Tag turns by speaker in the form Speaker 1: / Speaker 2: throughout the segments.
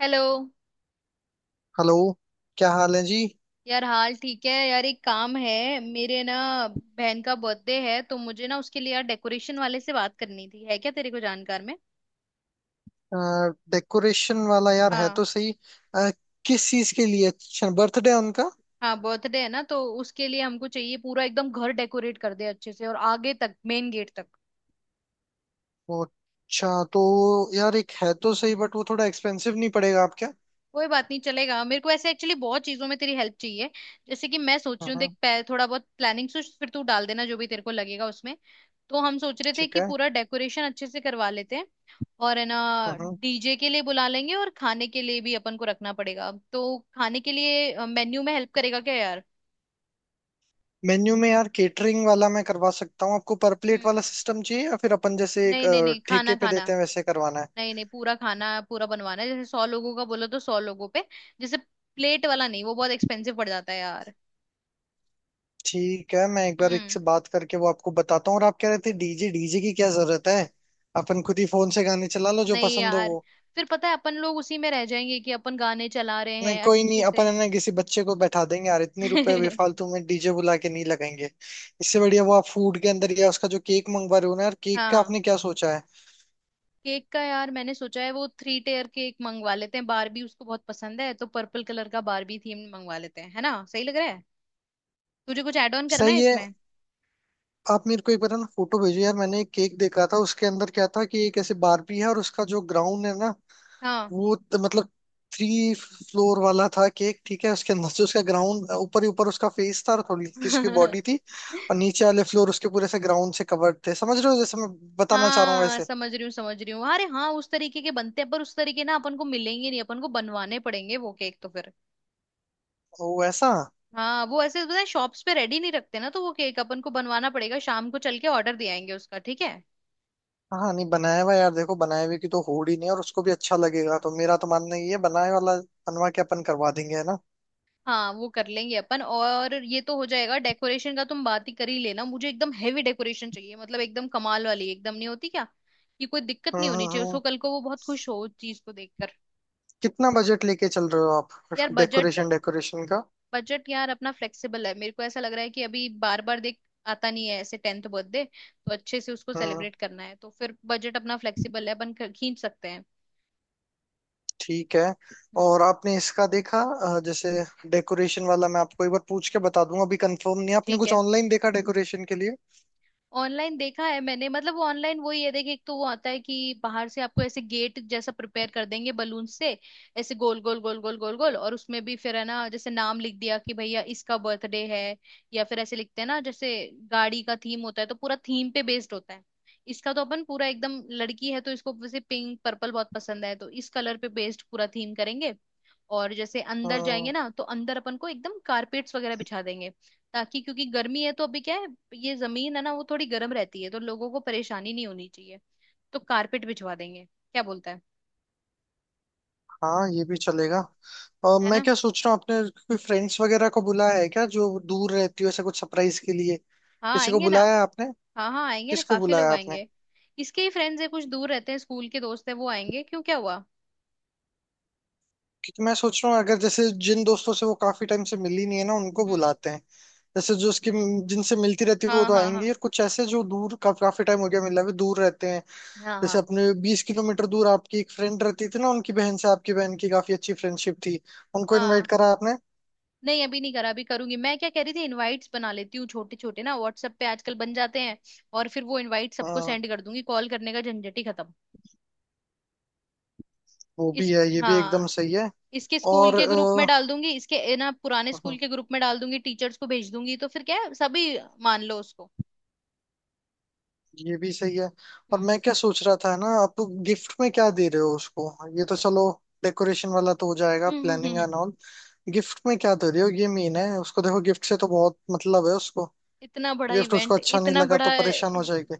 Speaker 1: Hello.
Speaker 2: Hello. क्या हाल है जी।
Speaker 1: यार हाल ठीक है यार, एक काम है। मेरे ना, बहन का बर्थडे है, तो मुझे ना उसके लिए यार डेकोरेशन वाले से बात करनी थी, है क्या तेरे को जानकार में?
Speaker 2: डेकोरेशन वाला यार है
Speaker 1: हाँ।
Speaker 2: तो सही। अ, किस चीज के लिए? अच्छा, बर्थडे है उनका।
Speaker 1: हाँ, बर्थडे है ना, तो उसके लिए हमको चाहिए पूरा एकदम घर डेकोरेट कर दे अच्छे से, और आगे तक मेन गेट तक।
Speaker 2: ओ, अच्छा तो। यार एक है तो सही, बट वो थोड़ा एक्सपेंसिव नहीं पड़ेगा आपके?
Speaker 1: कोई बात नहीं, चलेगा मेरे को ऐसे, एक्चुअली बहुत चीजों में तेरी हेल्प चाहिए। जैसे कि मैं सोच
Speaker 2: हाँ
Speaker 1: रही हूँ, देख
Speaker 2: हाँ।
Speaker 1: थोड़ा बहुत प्लानिंग सोच, फिर तू डाल देना जो भी तेरे को लगेगा उसमें। तो हम सोच रहे थे
Speaker 2: ठीक
Speaker 1: कि
Speaker 2: है।
Speaker 1: पूरा डेकोरेशन अच्छे से करवा लेते हैं। और है ना,
Speaker 2: हाँ।
Speaker 1: डीजे के लिए बुला लेंगे, और खाने के लिए भी अपन को रखना पड़ेगा, तो खाने के लिए मेन्यू में हेल्प करेगा क्या यार?
Speaker 2: मेन्यू में यार केटरिंग वाला मैं करवा सकता हूँ आपको। पर प्लेट
Speaker 1: हम्म।
Speaker 2: वाला सिस्टम चाहिए या फिर अपन जैसे एक
Speaker 1: नहीं नहीं नहीं, खाना
Speaker 2: ठेके पे
Speaker 1: खाना,
Speaker 2: देते हैं वैसे करवाना है?
Speaker 1: नहीं नहीं पूरा खाना पूरा बनवाना है। जैसे 100 लोगों का बोलो तो 100 लोगों पे, जैसे, प्लेट वाला नहीं, वो बहुत एक्सपेंसिव पड़ जाता है यार।
Speaker 2: ठीक है, मैं एक बार एक
Speaker 1: हम्म।
Speaker 2: से बात करके वो आपको बताता हूँ। और आप कह रहे थे डीजे डीजे की क्या जरूरत है? अपन खुद ही फोन से गाने चला लो जो
Speaker 1: नहीं
Speaker 2: पसंद हो
Speaker 1: यार,
Speaker 2: वो।
Speaker 1: फिर पता है अपन लोग उसी में रह जाएंगे कि अपन गाने चला रहे
Speaker 2: नहीं
Speaker 1: हैं
Speaker 2: कोई नहीं,
Speaker 1: अच्छे
Speaker 2: अपन
Speaker 1: से।
Speaker 2: है ना किसी बच्चे को बैठा देंगे यार, इतने रुपए बेफालतू में डीजे बुला के नहीं लगाएंगे। इससे बढ़िया वो आप फूड के अंदर या उसका जो केक मंगवा रहे हो ना यार, केक का
Speaker 1: हाँ,
Speaker 2: आपने क्या सोचा है?
Speaker 1: केक का यार मैंने सोचा है, वो 3 टेयर केक मंगवा लेते हैं। बारबी उसको बहुत पसंद है, तो पर्पल कलर का बारबी थीम मंगवा लेते हैं, है ना? सही लग रहा है? तुझे कुछ ऐड ऑन करना है
Speaker 2: सही है।
Speaker 1: इसमें?
Speaker 2: आप मेरे को एक बार है ना फोटो भेजो यार, मैंने एक केक देखा था उसके अंदर क्या था कि एक ऐसे बारबी है और उसका जो ग्राउंड है ना।
Speaker 1: हाँ।
Speaker 2: मतलब। 3 फ्लोर वाला था केक, ठीक है? उसके अंदर से उसका ग्राउंड ऊपर ही ऊपर, उसका फेस था और थोड़ी सी उसकी बॉडी थी। और नीचे वाले फ्लोर उसके पूरे से ग्राउंड से कवर्ड थे, समझ रहे हो जैसे मैं बताना चाह रहा हूँ
Speaker 1: हाँ,
Speaker 2: वैसे?
Speaker 1: समझ रही हूँ समझ रही हूँ। अरे हाँ, उस तरीके के बनते हैं, पर उस तरीके ना अपन को मिलेंगे नहीं, अपन को बनवाने पड़ेंगे वो केक तो।
Speaker 2: वो ऐसा।
Speaker 1: हाँ, वो ऐसे पता है शॉप्स पे रेडी नहीं रखते ना, तो वो केक अपन को बनवाना पड़ेगा। शाम को चल के ऑर्डर दे आएंगे उसका, ठीक है?
Speaker 2: हाँ नहीं बनाया हुआ यार, देखो बनाए हुए की तो होड़ ही नहीं है और उसको भी अच्छा लगेगा, तो मेरा तो मानना ये है बनाए वाला बनवा के अपन करवा देंगे, है ना।
Speaker 1: हाँ, वो कर लेंगे अपन, और ये तो हो जाएगा डेकोरेशन का, तुम बात ही कर ही लेना। मुझे एकदम हेवी डेकोरेशन चाहिए, मतलब एकदम कमाल वाली, एकदम नहीं होती क्या कि कोई दिक्कत
Speaker 2: हम्म
Speaker 1: नहीं होनी
Speaker 2: हम्म
Speaker 1: चाहिए उसको,
Speaker 2: हम्म।
Speaker 1: कल को वो बहुत खुश हो उस चीज को देखकर।
Speaker 2: कितना बजट लेके चल रहे हो
Speaker 1: यार
Speaker 2: आप
Speaker 1: बजट,
Speaker 2: डेकोरेशन डेकोरेशन का?
Speaker 1: बजट यार अपना फ्लेक्सिबल है, मेरे को ऐसा लग रहा है कि अभी, बार बार देख आता नहीं है ऐसे 10वां बर्थडे। तो अच्छे से उसको
Speaker 2: हम्म।
Speaker 1: सेलिब्रेट करना है, तो फिर बजट अपना फ्लेक्सिबल है, अपन खींच सकते हैं।
Speaker 2: ठीक है।
Speaker 1: हम्म।
Speaker 2: और आपने इसका देखा जैसे, डेकोरेशन वाला मैं आपको एक बार पूछ के बता दूंगा, अभी कंफर्म नहीं है। आपने
Speaker 1: ठीक
Speaker 2: कुछ
Speaker 1: है।
Speaker 2: ऑनलाइन देखा डेकोरेशन के लिए?
Speaker 1: ऑनलाइन देखा है मैंने, मतलब वो ऑनलाइन वही है, देखिए एक तो वो आता है कि बाहर से आपको ऐसे गेट जैसा प्रिपेयर कर देंगे बलून से, ऐसे गोल गोल गोल गोल गोल गोल, और उसमें भी फिर है ना जैसे नाम लिख दिया कि भैया इसका बर्थडे है, या फिर ऐसे लिखते हैं ना, जैसे गाड़ी का थीम होता है, तो पूरा थीम पे बेस्ड होता है। इसका तो अपन पूरा एकदम, लड़की है तो इसको वैसे पिंक पर्पल बहुत पसंद है, तो इस कलर पे बेस्ड पूरा थीम करेंगे। और जैसे अंदर
Speaker 2: हम्म।
Speaker 1: जाएंगे ना, तो अंदर अपन को एकदम कारपेट्स वगैरह बिछा देंगे, ताकि, क्योंकि गर्मी है तो अभी क्या है, ये जमीन है ना वो थोड़ी गर्म रहती है, तो लोगों को परेशानी नहीं होनी चाहिए। तो कारपेट बिछवा देंगे, क्या बोलता है?
Speaker 2: हाँ, ये भी चलेगा। और
Speaker 1: है
Speaker 2: मैं
Speaker 1: ना।
Speaker 2: क्या सोच रहा हूँ, आपने कोई फ्रेंड्स वगैरह को बुलाया है क्या, जो दूर रहती हो, ऐसे कुछ सरप्राइज के लिए?
Speaker 1: हाँ
Speaker 2: किसी को
Speaker 1: आएंगे ना।
Speaker 2: बुलाया है आपने?
Speaker 1: हाँ हाँ आएंगे ना,
Speaker 2: किसको
Speaker 1: काफी लोग
Speaker 2: बुलाया आपने?
Speaker 1: आएंगे। इसके ही फ्रेंड्स है, कुछ दूर रहते हैं, स्कूल के दोस्त है वो आएंगे। क्यों, क्या हुआ?
Speaker 2: क्योंकि मैं सोच रहा हूँ अगर जैसे जिन दोस्तों से वो काफी टाइम से मिली नहीं है ना, उनको
Speaker 1: हम्म।
Speaker 2: बुलाते हैं। जैसे जो उसकी जिनसे मिलती रहती है वो
Speaker 1: हाँ
Speaker 2: तो
Speaker 1: हाँ
Speaker 2: आएंगी,
Speaker 1: हाँ
Speaker 2: और कुछ ऐसे जो दूर का काफी टाइम हो गया मिला हुए दूर रहते हैं।
Speaker 1: हाँ।
Speaker 2: जैसे
Speaker 1: हाँ
Speaker 2: अपने 20 किलोमीटर दूर आपकी एक फ्रेंड रहती थी ना, उनकी बहन से आपकी बहन की काफी अच्छी फ्रेंडशिप थी, उनको इनवाइट
Speaker 1: हाँ।
Speaker 2: करा आपने?
Speaker 1: नहीं, अभी नहीं करा, अभी करूंगी। मैं क्या कह रही थी, इनवाइट्स बना लेती हूँ छोटे छोटे ना, व्हाट्सएप पे आजकल बन जाते हैं, और फिर वो इनवाइट सबको
Speaker 2: हाँ,
Speaker 1: सेंड कर दूंगी, कॉल करने का झंझट ही खत्म।
Speaker 2: वो भी
Speaker 1: इस
Speaker 2: है, ये भी
Speaker 1: हाँ,
Speaker 2: एकदम सही है।
Speaker 1: इसके स्कूल
Speaker 2: और
Speaker 1: के ग्रुप में डाल दूंगी, इसके ना पुराने स्कूल के ग्रुप में डाल दूंगी, टीचर्स को भेज दूंगी, तो फिर क्या है, सभी मान लो उसको।
Speaker 2: ये भी सही है। और मैं क्या सोच रहा था ना आप, गिफ्ट में क्या दे रहे हो उसको? ये तो चलो डेकोरेशन वाला तो हो जाएगा, planning
Speaker 1: hmm.
Speaker 2: And all. Gift में क्या दे रहे हो ये मेन है, उसको देखो गिफ्ट से तो बहुत मतलब है उसको।
Speaker 1: इतना बड़ा
Speaker 2: गिफ्ट उसको
Speaker 1: इवेंट,
Speaker 2: अच्छा नहीं
Speaker 1: इतना
Speaker 2: लगा तो
Speaker 1: बड़ा,
Speaker 2: परेशान हो जाएगी।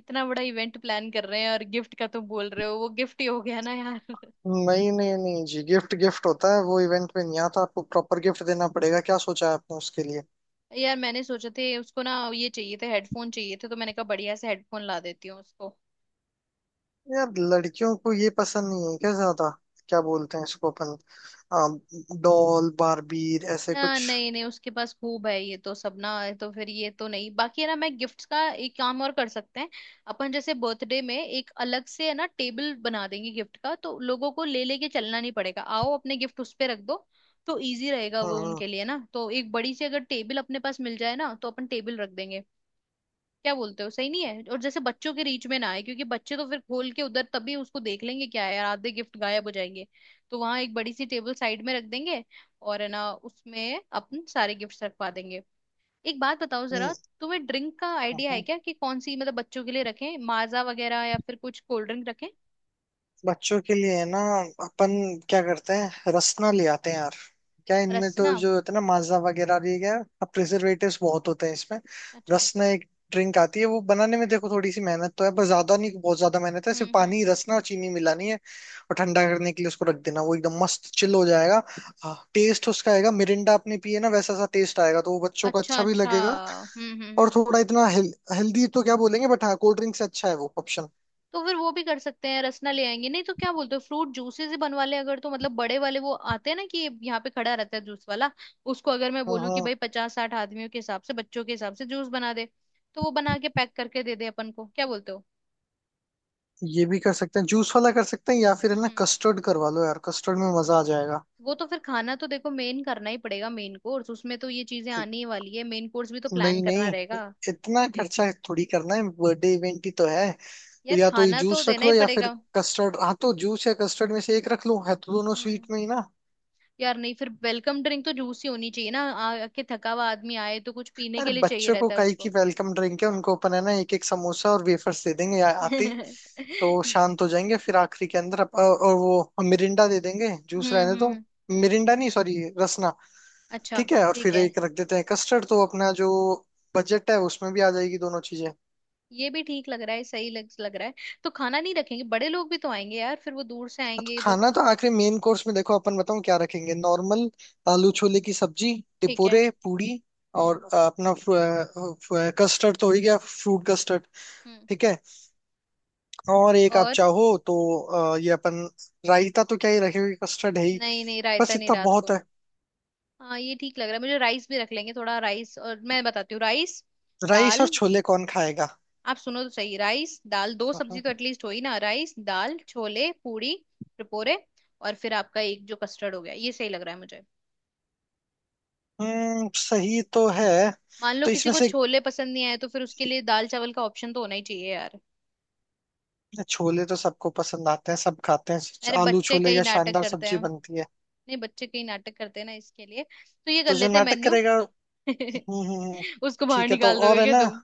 Speaker 1: इतना बड़ा इवेंट प्लान कर रहे हैं और गिफ्ट का तुम बोल रहे हो, वो गिफ्ट ही हो गया ना यार।
Speaker 2: नहीं नहीं नहीं जी, गिफ्ट गिफ्ट होता है, वो इवेंट में नहीं आता। आपको प्रॉपर गिफ्ट देना पड़ेगा, क्या सोचा है आपने उसके लिए?
Speaker 1: यार मैंने सोचा थे, उसको ना ये चाहिए थे, हेडफोन चाहिए थे, तो मैंने कहा बढ़िया से हेडफोन ला देती हूँ उसको।
Speaker 2: यार लड़कियों को ये पसंद नहीं है क्या ज्यादा? क्या बोलते हैं इसको अपन? डॉल बारबीर ऐसे कुछ।
Speaker 1: नहीं नहीं, उसके पास खूब है ये तो सब ना, तो फिर ये तो नहीं। बाकी है ना, मैं गिफ्ट्स का एक काम और कर सकते हैं, अपन जैसे बर्थडे में एक अलग से है ना टेबल बना देंगे गिफ्ट का, तो लोगों को ले लेके चलना नहीं पड़ेगा, आओ अपने गिफ्ट उस पे रख दो, तो इजी रहेगा वो
Speaker 2: हम्म
Speaker 1: उनके लिए ना। तो एक बड़ी सी अगर टेबल अपने पास मिल जाए ना, तो अपन टेबल रख देंगे, क्या बोलते हो, सही नहीं है? और जैसे बच्चों के रीच में ना आए, क्योंकि बच्चे तो फिर खोल के उधर तभी उसको देख लेंगे, क्या है यार, आधे गिफ्ट गायब हो जाएंगे। तो वहां एक बड़ी सी टेबल साइड में रख देंगे, और है ना उसमें अपन सारे गिफ्ट्स रखवा देंगे। एक बात बताओ
Speaker 2: हम्म,
Speaker 1: जरा, तुम्हें ड्रिंक का आइडिया है
Speaker 2: हम्म।
Speaker 1: क्या कि कौन सी, मतलब बच्चों के लिए रखें, माजा वगैरह या फिर कुछ कोल्ड ड्रिंक रखें?
Speaker 2: बच्चों के लिए है ना, अपन क्या करते हैं रसना ले आते हैं यार। क्या इनमें तो
Speaker 1: रसना?
Speaker 2: जो होता है ना माजा वगैरह भी क्या, अब प्रिजर्वेटिव्स बहुत होते हैं इसमें।
Speaker 1: अच्छा।
Speaker 2: रसना एक ड्रिंक आती है, वो बनाने में देखो थोड़ी सी मेहनत तो है पर ज्यादा नहीं, बहुत ज्यादा मेहनत है, सिर्फ पानी
Speaker 1: हम्म।
Speaker 2: रसना और चीनी मिलानी है। और ठंडा करने के लिए उसको रख देना, वो एकदम मस्त चिल हो जाएगा। टेस्ट उसका आएगा मिरिंडा आपने पिए ना, वैसा सा टेस्ट आएगा तो वो बच्चों को
Speaker 1: अच्छा
Speaker 2: अच्छा भी
Speaker 1: अच्छा,
Speaker 2: लगेगा। और थोड़ा इतना हेल्दी तो क्या बोलेंगे, बट हाँ कोल्ड ड्रिंक से अच्छा है वो।
Speaker 1: तो फिर वो भी कर सकते हैं, रसना ले आएंगे, नहीं तो क्या बोलते हो, फ्रूट जूसेस ही बनवा ले, अगर, तो मतलब बड़े वाले वो आते हैं ना, कि यहाँ पे खड़ा रहता है जूस वाला, उसको अगर मैं बोलूँ कि
Speaker 2: ऑप्शन।
Speaker 1: भाई 50-60 आदमियों के हिसाब से, बच्चों के हिसाब से जूस बना दे, तो वो बना के पैक करके दे दे अपन को, क्या बोलते हो?
Speaker 2: ये भी कर सकते हैं जूस वाला कर सकते हैं, या फिर है ना
Speaker 1: हम्म
Speaker 2: कस्टर्ड करवा लो यार, कस्टर्ड में मजा आ जाएगा।
Speaker 1: वो तो फिर खाना तो देखो मेन करना ही पड़ेगा, मेन कोर्स, उसमें तो ये चीजें आनी ही वाली है, मेन कोर्स भी तो प्लान
Speaker 2: नहीं
Speaker 1: करना
Speaker 2: नहीं,
Speaker 1: रहेगा।
Speaker 2: इतना खर्चा थोड़ी करना है, बर्थडे इवेंट ही तो है। तो
Speaker 1: यार
Speaker 2: या तो ये
Speaker 1: खाना तो
Speaker 2: जूस रख
Speaker 1: देना ही
Speaker 2: लो या फिर
Speaker 1: पड़ेगा।
Speaker 2: कस्टर्ड, हाँ। तो जूस या कस्टर्ड में से एक रख लो, है तो दोनों स्वीट
Speaker 1: हम्म
Speaker 2: में ही ना।
Speaker 1: यार नहीं, फिर वेलकम ड्रिंक तो जूस ही होनी चाहिए ना, आके थका हुआ आदमी आए तो कुछ पीने
Speaker 2: अरे
Speaker 1: के लिए चाहिए
Speaker 2: बच्चों को
Speaker 1: रहता है
Speaker 2: काई की
Speaker 1: उसको।
Speaker 2: वेलकम ड्रिंक है, उनको अपन है ना एक एक समोसा और वेफर्स दे देंगे आते ही, तो वो
Speaker 1: हम्म
Speaker 2: शांत हो जाएंगे। फिर आखिरी के अंदर और वो मिरिंडा दे देंगे, जूस
Speaker 1: हम्म
Speaker 2: रहने दो।
Speaker 1: हम्म।
Speaker 2: मिरिंडा नहीं सॉरी, रसना।
Speaker 1: अच्छा।
Speaker 2: ठीक है और
Speaker 1: ठीक
Speaker 2: फिर
Speaker 1: है,
Speaker 2: एक रख देते हैं कस्टर्ड, तो अपना जो बजट है उसमें भी आ जाएगी दोनों चीजें, हाँ।
Speaker 1: ये भी ठीक लग रहा है, सही लग लग रहा है। तो खाना नहीं रखेंगे, बड़े लोग भी तो आएंगे यार, फिर वो दूर से
Speaker 2: तो
Speaker 1: आएंगे तो।
Speaker 2: खाना तो आखिरी मेन कोर्स में देखो अपन बताऊं क्या रखेंगे, नॉर्मल आलू छोले की सब्जी,
Speaker 1: ठीक है।
Speaker 2: टिपोरे पूड़ी।
Speaker 1: हम्म।
Speaker 2: और अपना कस्टर्ड तो हो ही गया, फ्रूट कस्टर्ड।
Speaker 1: हम्म।
Speaker 2: ठीक है। और एक आप
Speaker 1: और,
Speaker 2: चाहो तो ये अपन रायता तो क्या ही रखेंगे, कस्टर्ड है ही।
Speaker 1: नहीं नहीं, रायता
Speaker 2: बस
Speaker 1: नहीं,
Speaker 2: इतना
Speaker 1: रात
Speaker 2: बहुत
Speaker 1: को।
Speaker 2: है।
Speaker 1: हाँ, ये ठीक लग रहा है मुझे, राइस भी रख लेंगे, थोड़ा राइस और मैं बताती हूँ। राइस
Speaker 2: राइस
Speaker 1: दाल,
Speaker 2: और छोले कौन खाएगा?
Speaker 1: आप सुनो तो सही, राइस दाल 2 सब्जी तो एटलीस्ट हो ही ना, राइस दाल छोले पूरी टपोरे, और फिर आपका एक जो कस्टर्ड हो गया, ये सही लग रहा है मुझे।
Speaker 2: हम्म, सही तो है।
Speaker 1: मान लो
Speaker 2: तो
Speaker 1: किसी
Speaker 2: इसमें
Speaker 1: को
Speaker 2: से
Speaker 1: छोले पसंद नहीं आए, तो फिर उसके लिए दाल चावल का ऑप्शन तो होना ही चाहिए यार।
Speaker 2: छोले तो सबको पसंद आते हैं, सब खाते हैं,
Speaker 1: अरे
Speaker 2: आलू
Speaker 1: बच्चे
Speaker 2: छोले
Speaker 1: कई
Speaker 2: या
Speaker 1: नाटक
Speaker 2: शानदार
Speaker 1: करते
Speaker 2: सब्जी
Speaker 1: हैं, नहीं
Speaker 2: बनती है।
Speaker 1: बच्चे कई नाटक करते हैं ना, इसके लिए तो ये कर
Speaker 2: तो जो
Speaker 1: लेते हैं
Speaker 2: नाटक
Speaker 1: मेन्यू।
Speaker 2: करेगा। हम्म।
Speaker 1: उसको बाहर
Speaker 2: ठीक है तो,
Speaker 1: निकाल
Speaker 2: और
Speaker 1: दोगे
Speaker 2: है
Speaker 1: क्या
Speaker 2: ना।
Speaker 1: तुम?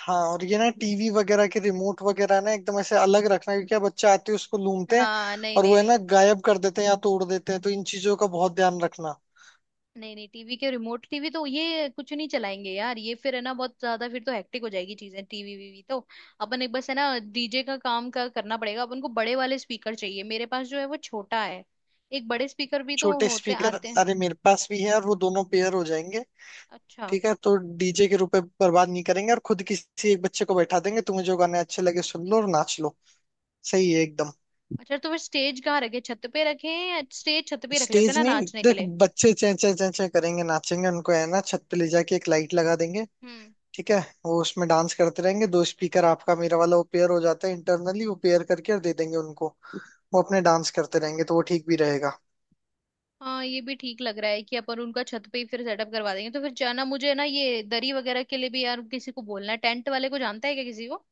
Speaker 2: हाँ, और ये ना टीवी वगैरह के रिमोट वगैरह ना एकदम ऐसे अलग रखना, क्योंकि अब बच्चे आते हैं उसको लूमते हैं।
Speaker 1: हाँ नहीं
Speaker 2: और वो
Speaker 1: नहीं
Speaker 2: है ना
Speaker 1: नहीं।
Speaker 2: गायब कर देते हैं या तोड़ देते हैं, तो इन चीजों का बहुत ध्यान रखना।
Speaker 1: नहीं नहीं, टीवी के रिमोट, टीवी तो ये कुछ नहीं चलाएंगे यार, ये फिर है ना बहुत ज्यादा, फिर तो हेक्टिक हो जाएगी चीजें, टीवी वीवी तो। अपन एक बस है ना, डीजे का काम का करना पड़ेगा, अपन को बड़े वाले स्पीकर चाहिए, मेरे पास जो है वो छोटा है, एक बड़े स्पीकर भी तो
Speaker 2: छोटे
Speaker 1: होते
Speaker 2: स्पीकर।
Speaker 1: आते हैं।
Speaker 2: अरे मेरे पास भी है, और वो दोनों पेयर हो जाएंगे।
Speaker 1: अच्छा।
Speaker 2: ठीक है, तो डीजे के रूप में बर्बाद नहीं करेंगे और खुद किसी एक बच्चे को बैठा देंगे, तुम्हें जो गाने अच्छे लगे सुन लो और नाच लो। सही है एकदम।
Speaker 1: अच्छा, तो फिर स्टेज कहाँ रखे, छत पे रखे? या स्टेज छत पे रख लेते हैं
Speaker 2: स्टेज
Speaker 1: ना,
Speaker 2: नहीं,
Speaker 1: नाचने के
Speaker 2: देख,
Speaker 1: लिए।
Speaker 2: बच्चे चें चें चें चें करेंगे नाचेंगे, उनको है ना छत पे ले जाके एक लाइट लगा देंगे।
Speaker 1: हम्म।
Speaker 2: ठीक है। वो उसमें डांस करते रहेंगे, दो स्पीकर आपका मेरा वाला वो पेयर हो जाता है इंटरनली, वो पेयर करके और दे देंगे उनको। वो अपने डांस करते रहेंगे तो वो ठीक भी रहेगा।
Speaker 1: हाँ, ये भी ठीक लग रहा है कि अपन उनका छत पे ही फिर सेटअप करवा देंगे। तो फिर जाना मुझे ना, ये दरी वगैरह के लिए भी यार, किसी को बोलना है, टेंट वाले को जानता है क्या किसी को?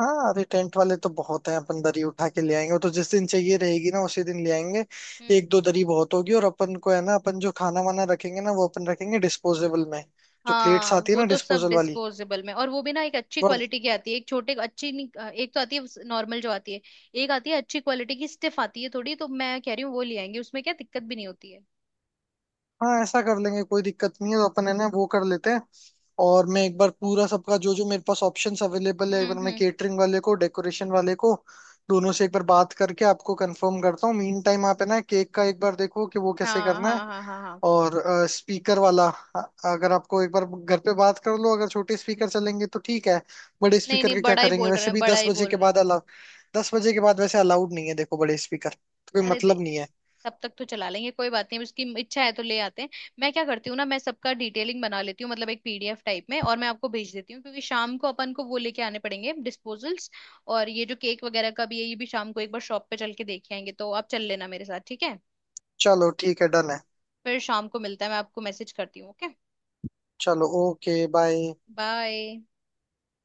Speaker 2: हाँ, अरे टेंट वाले तो बहुत हैं, अपन दरी उठा के ले आएंगे, वो तो जिस दिन चाहिए रहेगी ना उसी दिन ले आएंगे।
Speaker 1: हम्म।
Speaker 2: एक दो दरी बहुत होगी, और अपन को है ना अपन जो खाना वाना रखेंगे ना वो अपन रखेंगे डिस्पोजेबल में। जो प्लेट्स
Speaker 1: हाँ,
Speaker 2: आती है
Speaker 1: वो
Speaker 2: ना
Speaker 1: तो सब
Speaker 2: डिस्पोजल वाली
Speaker 1: डिस्पोजेबल में, और वो भी ना एक अच्छी
Speaker 2: वर
Speaker 1: क्वालिटी की आती है, एक छोटे अच्छी नहीं- एक तो आती है नॉर्मल जो आती है, एक आती है अच्छी क्वालिटी की, स्टिफ आती है थोड़ी, तो मैं कह रही हूँ वो ले आएंगे, उसमें क्या दिक्कत भी नहीं होती है।
Speaker 2: हाँ ऐसा कर लेंगे, कोई दिक्कत नहीं है, तो अपन है ना वो कर लेते हैं। और मैं एक बार पूरा सबका जो जो मेरे पास ऑप्शंस अवेलेबल है, एक बार मैं
Speaker 1: हम्म।
Speaker 2: केटरिंग वाले को डेकोरेशन वाले को दोनों से एक बार बात करके आपको कंफर्म करता हूँ। मीन टाइम आप है ना केक का एक बार देखो कि वो कैसे
Speaker 1: हाँ
Speaker 2: करना है।
Speaker 1: हाँ हाँ हाँ हाँ।
Speaker 2: और स्पीकर वाला अ, अगर आपको एक बार घर पे बात कर लो अगर छोटे स्पीकर चलेंगे तो ठीक है। बड़े
Speaker 1: नहीं
Speaker 2: स्पीकर
Speaker 1: नहीं,
Speaker 2: का क्या
Speaker 1: बड़ा ही
Speaker 2: करेंगे,
Speaker 1: बोल रहे
Speaker 2: वैसे
Speaker 1: हैं,
Speaker 2: भी
Speaker 1: बड़ा ही बोल रहे हैं।
Speaker 2: 10 बजे के बाद वैसे अलाउड नहीं है, देखो बड़े स्पीकर तो कोई
Speaker 1: अरे दे,
Speaker 2: मतलब नहीं है।
Speaker 1: तब तक तो चला लेंगे, कोई बात नहीं, अब उसकी इच्छा है तो ले आते हैं। मैं क्या करती हूँ ना, मैं सबका डिटेलिंग बना लेती हूँ, मतलब एक पीडीएफ टाइप में, और मैं आपको भेज देती हूँ, क्योंकि शाम को अपन को वो लेके आने पड़ेंगे डिस्पोजल्स, और ये जो केक वगैरह का भी है, ये भी शाम को एक बार शॉप पे चल के देख आएंगे, तो आप चल लेना मेरे साथ, ठीक है?
Speaker 2: चलो ठीक है, डन है।
Speaker 1: फिर शाम को मिलता है, मैं आपको मैसेज करती हूँ, ओके।
Speaker 2: चलो ओके बाय।
Speaker 1: बाय।